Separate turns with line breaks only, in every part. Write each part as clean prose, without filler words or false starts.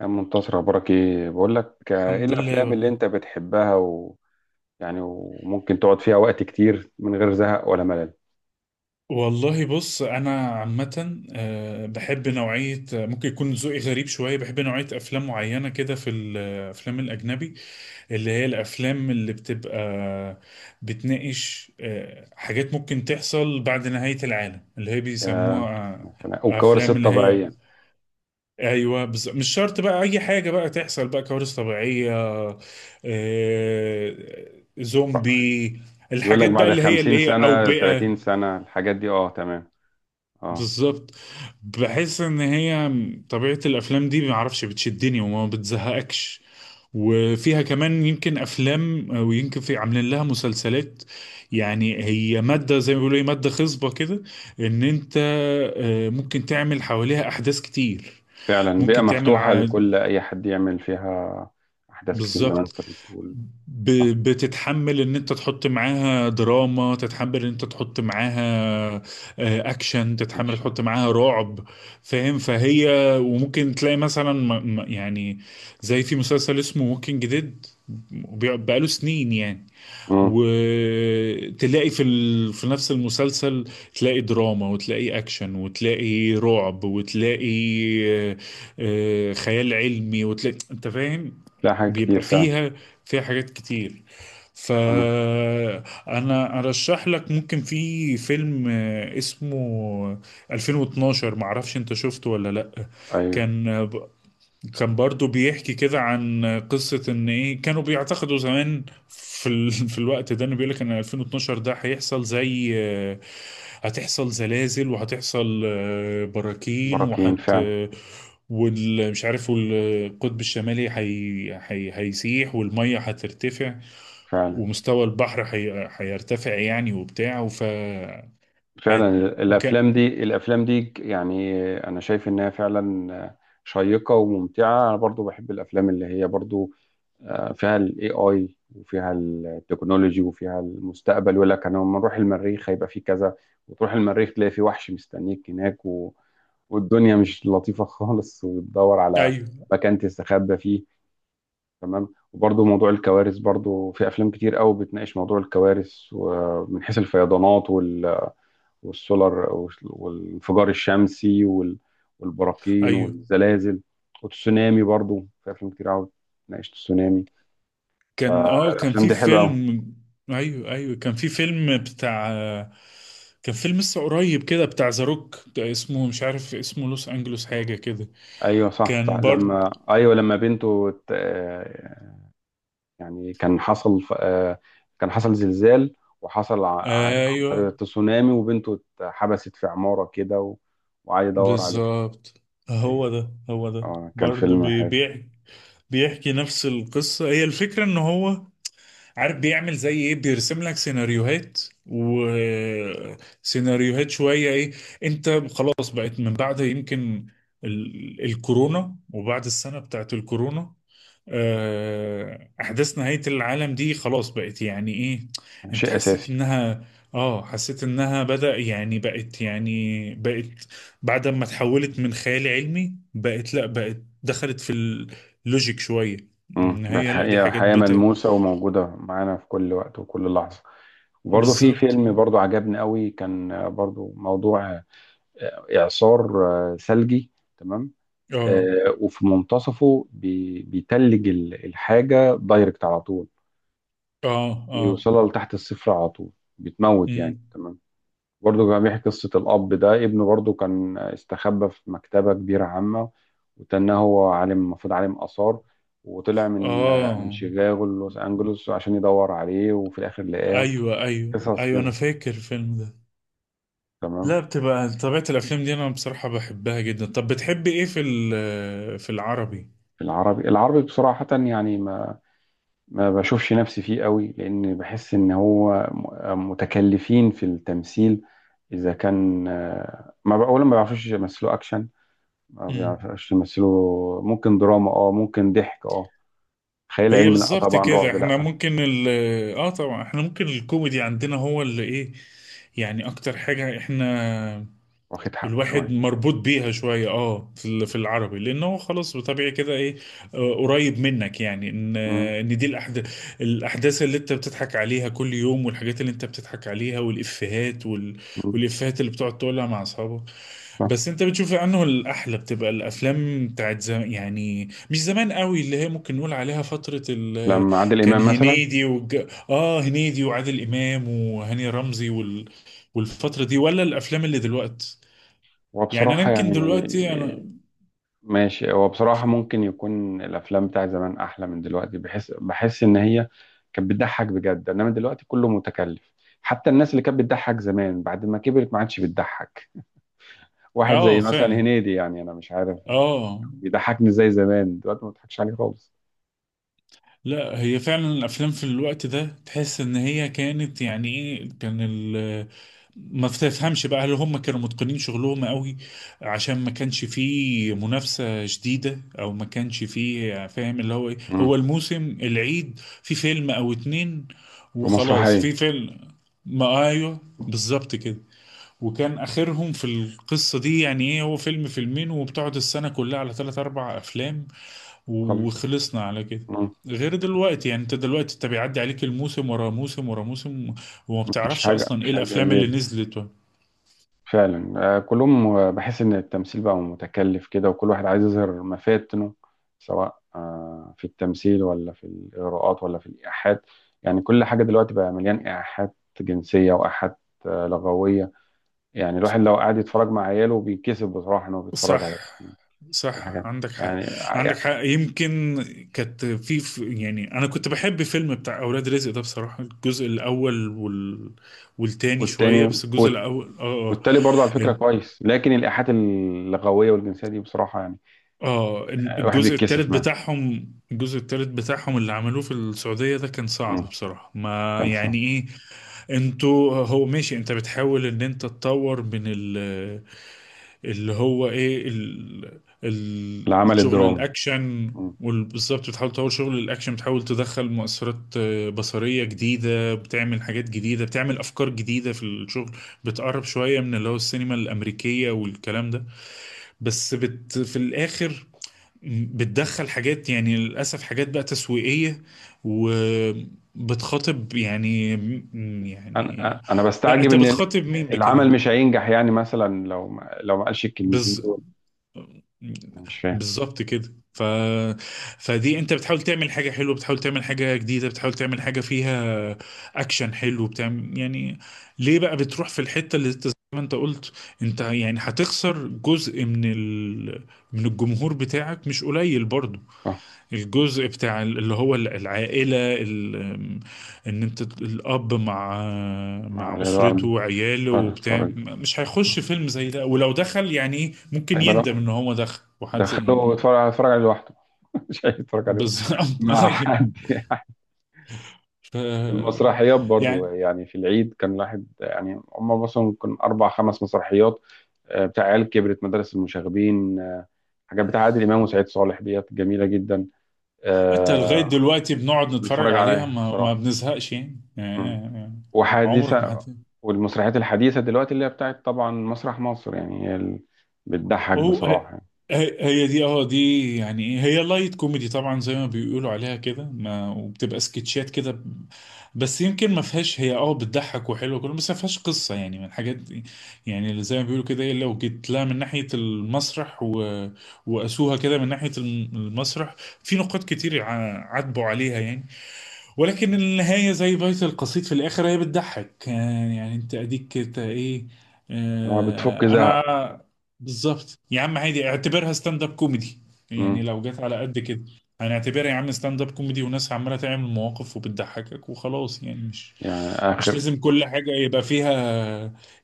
يا عم منتصر، اخبارك ايه؟ بقول لك ايه
الحمد لله
الافلام اللي
والله.
انت بتحبها و... يعني وممكن تقعد فيها وقت كتير من غير زهق ولا ملل؟
والله بص انا عامه بحب نوعيه ممكن يكون ذوقي غريب شويه، بحب نوعيه افلام معينه كده في الافلام الاجنبي، اللي هي الافلام اللي بتبقى بتناقش حاجات ممكن تحصل بعد نهايه العالم اللي هي
يا...
بيسموها
والكوارث
افلام اللي هي.
الطبيعيه
ايوه، مش شرط بقى اي حاجه بقى تحصل، بقى كوارث طبيعيه
بقى،
زومبي،
يقول لك
الحاجات بقى
بعد
اللي هي
50
اللي هي
سنه
اوبئه.
30 سنه الحاجات دي، اه تمام. اه
بالظبط، بحس ان هي طبيعة الافلام دي ما اعرفش بتشدني وما بتزهقكش، وفيها كمان يمكن افلام ويمكن في عاملين لها مسلسلات، يعني هي مادة زي ما بيقولوا ايه، مادة خصبة كده، ان انت ممكن تعمل حواليها احداث كتير.
فعلا، بيئه
ممكن تعمل،
مفتوحه لكل اي حد يعمل فيها احداث كتير زي ما انت
بالظبط.
بتقول.
ب...
صح.
بتتحمل ان انت تحط معاها دراما، تتحمل ان انت تحط معاها اكشن، تتحمل
ماشي.
تحط معاها رعب، فاهم؟ فهي وممكن تلاقي مثلا يعني زي في مسلسل اسمه ووكينج ديد، بقاله سنين يعني.
امم.
وتلاقي في نفس المسلسل تلاقي دراما وتلاقي اكشن وتلاقي رعب وتلاقي آه، خيال علمي، وتلاقي انت فاهم،
لا، حاجات كتير
بيبقى
فعلا.
فيها، فيها حاجات كتير.
انا
فانا ارشح لك ممكن في فيلم اسمه 2012، معرفش انت شفته ولا لا.
ايوه.
كان كان برضو بيحكي كده عن قصة ان ايه، كانوا بيعتقدوا زمان في الوقت ده انه بيقول لك ان 2012 ده هيحصل، زي هتحصل زلازل، وهتحصل براكين،
براكين فعلا.
والمش عارف، والقطب الشمالي هيسيح، والمية هترتفع،
فعلا.
ومستوى البحر هيرتفع يعني وبتاع.
فعلا.
هيت- وك...
الافلام دي يعني انا شايف انها فعلا شيقه وممتعه. انا برضو بحب الافلام اللي هي برضو فيها الاي اي وفيها التكنولوجي وفيها المستقبل، ولا كان لما نروح المريخ هيبقى فيه كذا، وتروح المريخ تلاقي فيه وحش مستنيك هناك و... والدنيا مش لطيفه خالص وتدور على
ايوه
مكان تستخبى فيه. تمام. وبرضو موضوع الكوارث، برضو في افلام كتير قوي بتناقش موضوع الكوارث، ومن حيث الفيضانات والسولار والانفجار الشمسي والبراكين
ايوه،
والزلازل والتسونامي، برضو في افلام كتير قوي ناقشت التسونامي.
كان اه كان
فالافلام
في
دي حلوه قوي.
فيلم. ايوه ايوه كان في فيلم بتاع، كان فيلم لسه قريب كده بتاع ذا روك، اسمه مش عارف اسمه لوس انجلوس حاجه كده.
ايوه صح صح
كان برضه
لما ايوه لما بنته يعني كان حصل كان حصل زلزال وحصل عن طريق
ايوه،
التسونامي، وبنته اتحبست في عماره كده و- وقعد يدور عليها.
بالظبط،
ايوه،
هو ده، هو ده
اه كان
برضه
فيلم حلو.
بيبيع، بيحكي نفس القصه، هي الفكره ان هو عارف بيعمل زي ايه، بيرسم لك سيناريوهات وسيناريوهات شوية، ايه انت خلاص بقت من بعد يمكن الكورونا، وبعد السنة بتاعت الكورونا احداث نهاية العالم دي خلاص بقت يعني ايه. انت
شيء
حسيت
اساسي.
انها اه حسيت انها بدأ يعني بقت يعني بقت، بعد ما تحولت من خيال علمي بقت لا، بقت دخلت في اللوجيك شوية،
امم،
ان
بقت
هي لا، دي
حقيقة،
حاجات
حقيقة ملموسة وموجودة معانا في كل وقت وكل لحظة. وبرضه في
بالظبط.
فيلم برضه عجبني قوي، كان برضه موضوع إعصار ثلجي. تمام.
اه
وفي منتصفه بيتلج الحاجة دايركت على طول،
اه اه.
بيوصلها لتحت الصفر على طول، بتموت يعني.
مم.
تمام. برضه كان بيحكي قصة الأب ده، ابنه برضه كان استخبى في مكتبة كبيرة عامة، وتنه هو عالم، المفروض عالم آثار، وطلع من من
اه،
شيكاغو لوس أنجلوس عشان يدور عليه، وفي الآخر لقاه.
ايوه ايوه
قصص
ايوه انا
كده.
فاكر الفيلم ده.
تمام.
لا بتبقى طبيعة الافلام دي انا بصراحة بحبها جدا. طب بتحبي ايه في في العربي؟
العربي، العربي بصراحة يعني ما ما بشوفش نفسي فيه قوي، لأن بحس إن هو متكلفين في التمثيل. إذا كان ما بقى- أولا ما بيعرفوش يمثلوا أكشن، ما
مم.
بيعرفوش يمثلوا. ممكن دراما أه، ممكن ضحك أه، خيال
هي
علمي لا
بالظبط
طبعا،
كده،
رعب
احنا
لا.
ممكن ال، اه طبعا احنا ممكن الكوميدي عندنا هو اللي ايه، يعني اكتر حاجة احنا
واخد حقه
الواحد
شويه.
مربوط بيها شوية اه في في العربي، لأن هو خلاص بطبيعي كده، ايه قريب منك، يعني ان
مم.
ان دي الأحداث، الأحداث اللي انت بتضحك عليها كل يوم، والحاجات اللي انت بتضحك عليها والإفيهات
مم.
والإفيهات اللي بتقعد تقولها مع أصحابك.
صح.
بس انت بتشوف انه الأحلى بتبقى الأفلام بتاعت زمان، يعني مش زمان قوي، اللي هي ممكن نقول عليها فترة
لما عادل
كان
امام مثلا.
هنيدي اه، هنيدي وعادل إمام وهاني رمزي والفترة دي، ولا الأفلام اللي دلوقتي؟
هو
يعني انا
بصراحه
يمكن
يعني
دلوقتي انا
ماشي، هو بصراحه ممكن يكون الافلام بتاع زمان احلى من دلوقتي، بحس بحس ان هي كانت بتضحك بجد، انما دلوقتي كله متكلف. حتى الناس اللي كانت بتضحك زمان بعد ما كبرت ما عادش بتضحك. واحد زي
اه
مثلا
فعلا
هنيدي، يعني انا مش عارف
اه.
بيضحكني زي زمان، دلوقتي ما بضحكش عليه خالص.
لا هي فعلا الافلام في الوقت ده تحس ان هي كانت يعني ايه، كان ال ما تفهمش بقى، هل هم كانوا متقنين شغلهم قوي عشان ما كانش فيه منافسة شديدة، او ما كانش فيه فاهم اللي هو ايه،
مم.
هو الموسم العيد في فيلم او اتنين وخلاص،
ومسرحيه.
في فيلم، ما ايوه بالظبط كده. وكان اخرهم في القصه دي يعني ايه، هو فيلم فيلمين، وبتقعد السنه كلها على ثلاث اربع افلام،
خلاص.
وخلصنا على كده.
مم.
غير دلوقتي يعني انت دلوقتي، انت بيعدي عليك الموسم ورا موسم ورا موسم، وما
مفيش
بتعرفش
حاجه،
اصلا ايه
مفيش حاجه
الافلام اللي نزلت.
فعلا. كلهم، بحس ان التمثيل بقى متكلف كده، وكل واحد عايز يظهر مفاتنه، سواء في التمثيل ولا في الاغراءات ولا في الايحاءات. يعني كل حاجه دلوقتي بقى مليان ايحاءات جنسيه وايحاءات لغويه. يعني الواحد لو قاعد يتفرج مع عياله بيتكسف بصراحه ان هو بيتفرج
صح
على على
صح
حاجه
عندك حق،
يعني. يعني-
عندك حق يمكن. كانت يعني انا كنت بحب فيلم بتاع اولاد رزق ده بصراحه، الجزء الاول والتاني شويه،
والتاني
بس الجزء الاول اه.
والتالي برضه على فكره
آه.
كويس، لكن الايحاءات اللغويه والجنسيه دي بصراحه يعني
اه،
الواحد
الجزء التالت
بيتكسف منها.
بتاعهم، الجزء التالت بتاعهم اللي عملوه في السعودية ده كان صعب
مم.
بصراحة، ما
كان صعب.
يعني ايه. انتوا هو ماشي، انت بتحاول ان انت تطور من ال، اللي هو ايه ال
العمل
الشغل
الدرامي.
الاكشن، وبالظبط بتحاول تطور شغل الاكشن، بتحاول تدخل مؤثرات بصرية جديدة، بتعمل حاجات جديدة، بتعمل افكار جديدة في الشغل، بتقرب شوية من اللي هو السينما الامريكية والكلام ده. بس بت في الاخر بتدخل حاجات، يعني للأسف حاجات بقى تسويقية، وبتخاطب يعني، يعني،
انا
لا
بستعجب
انت
ان
بتخاطب مين بكده؟
العمل مش هينجح، يعني مثلا لو ما قالش الكلمتين
بز...
دول، انا مش فاهم.
بالظبط كده، فدي انت بتحاول تعمل حاجة حلوة، بتحاول تعمل حاجة جديدة، بتحاول تعمل حاجة فيها اكشن حلو، بتعمل يعني ليه بقى بتروح في الحتة اللي انت زي ما انت قلت، انت يعني هتخسر جزء من من الجمهور بتاعك مش قليل برضه،
صح.
الجزء بتاع اللي هو العائلة ان انت الاب مع،
مع
مع
ولاده قاعد
اسرته
بيتفرج،
وعياله وبتاع
اتفرج
مش هيخش فيلم زي ده، ولو دخل يعني ايه ممكن
هيبقى لا.
يندم ان هو دخل، وحد زي
دخله
يعني
يتفرج، يتفرج عليه لوحده، مش هيتفرج عليه
بالظبط
مع
أيوة.
حد يعني.
ف
المسرحيات برضو
يعني
يعني، في العيد كان الواحد يعني هم مثلا ممكن اربع خمس مسرحيات، بتاع عيال كبرت، مدارس المشاغبين، حاجات بتاع عادل امام وسعيد صالح، ديت جميله جدا.
حتى لغاية
آه،
دلوقتي بنقعد نتفرج
بتفرج
عليها
عليها
ما
بصراحه.
بنزهقش يعني آه. عمرك ما
وحديثة.
حد.
والمسرحيات الحديثة دلوقتي اللي هي بتاعت طبعا مسرح مصر، يعني هي اللي بتضحك
هو
بصراحة يعني.
هي، هي دي اه، دي يعني ايه، هي لايت كوميدي طبعا زي ما بيقولوا عليها كده، ما وبتبقى سكتشات كده بس يمكن ما فيهاش، هي اه بتضحك وحلوه كله، بس ما فيهاش قصه يعني من الحاجات دي، يعني اللي زي ما بيقولوا كده ايه، لو جيت لها من ناحيه المسرح و، وقاسوها كده من ناحيه المسرح، في نقاط كتير عاتبوا عليها يعني. ولكن النهاية زي بيت القصيد في الآخر هي بتضحك يعني، يعني أنت أديك كده إيه،
هو بتفك
آه
زهق.
أنا. بالظبط يا عم، عادي اعتبرها ستاند أب كوميدي، يعني
مم.
لو جت على قد كده هنعتبرها يا عم ستاند أب كوميدي، وناس عمالة تعمل مواقف وبتضحكك وخلاص، يعني مش،
يعني
مش
آخر.
لازم كل حاجة يبقى فيها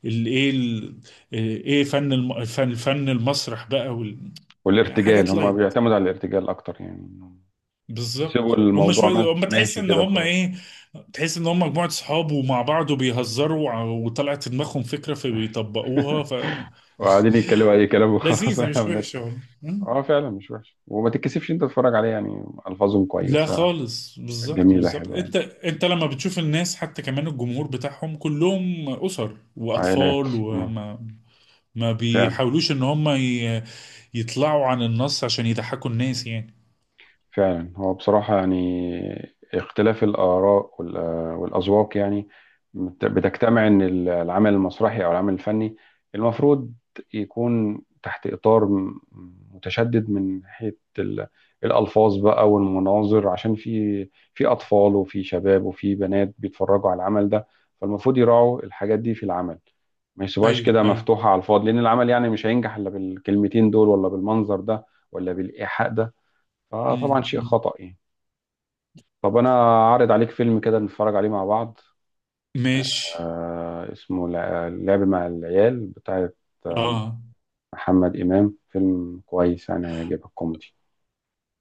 الإيه إيه فن الفن المسرح بقى يعني
والارتجال،
حاجات
هم
لايت.
بيعتمدوا على الارتجال أكتر، يعني إنهم يسيبوا
بالظبط، هم
الموضوع
شويه، هم تحس
ماشي
ان
كده
هم
وخلاص.
ايه، تحس ان هم مجموعه صحاب ومع بعض وبيهزروا وطلعت في دماغهم فكره فبيطبقوها.
وقاعدين يتكلموا أي كلام وخلاص.
فلذيذه
واحنا
مش
بنت.
وحشه والله. مم.
اه فعلا، مش وحش، وما تتكسفش انت تتفرج عليه، يعني ألفاظهم
لا
كويسة،
خالص، بالظبط
جميلة
بالظبط،
حلوة يعني.
انت لما بتشوف الناس، حتى كمان الجمهور بتاعهم كلهم اسر
عائلات.
واطفال،
مم.
وما ما
فعلا.
بيحاولوش ان هم يطلعوا عن النص عشان يضحكوا الناس يعني.
فعلا هو بصراحة يعني اختلاف الآراء والأذواق يعني بتجتمع إن العمل المسرحي أو العمل الفني المفروض يكون تحت إطار متشدد من ناحية الألفاظ بقى والمناظر، عشان في في أطفال وفي شباب وفي بنات بيتفرجوا على العمل ده، فالمفروض يراعوا الحاجات دي في العمل، ما يسيبوهاش
ايوه
كده
ايوه.
مفتوحة على الفاضي. لأن العمل يعني مش هينجح إلا بالكلمتين دول ولا بالمنظر ده ولا بالإيحاء ده، فطبعا
مم.
شيء
مم.
خطأ يعني. طب انا عارض عليك فيلم كده نتفرج عليه مع بعض،
ماشي،
آه اسمه لعب مع العيال، بتاعت آه،
اه
محمد إمام. فيلم كويس يعني هيعجبك، كوميدي.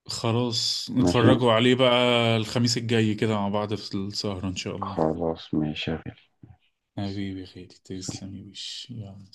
خلاص
ماشي.
نتفرجوا عليه بقى الخميس الجاي كده مع بعض في السهرة إن شاء الله.
خلاص ماشي يا غالي.
حبيبي يا خالي، تسلم
سلام.
يا باشا، يلا.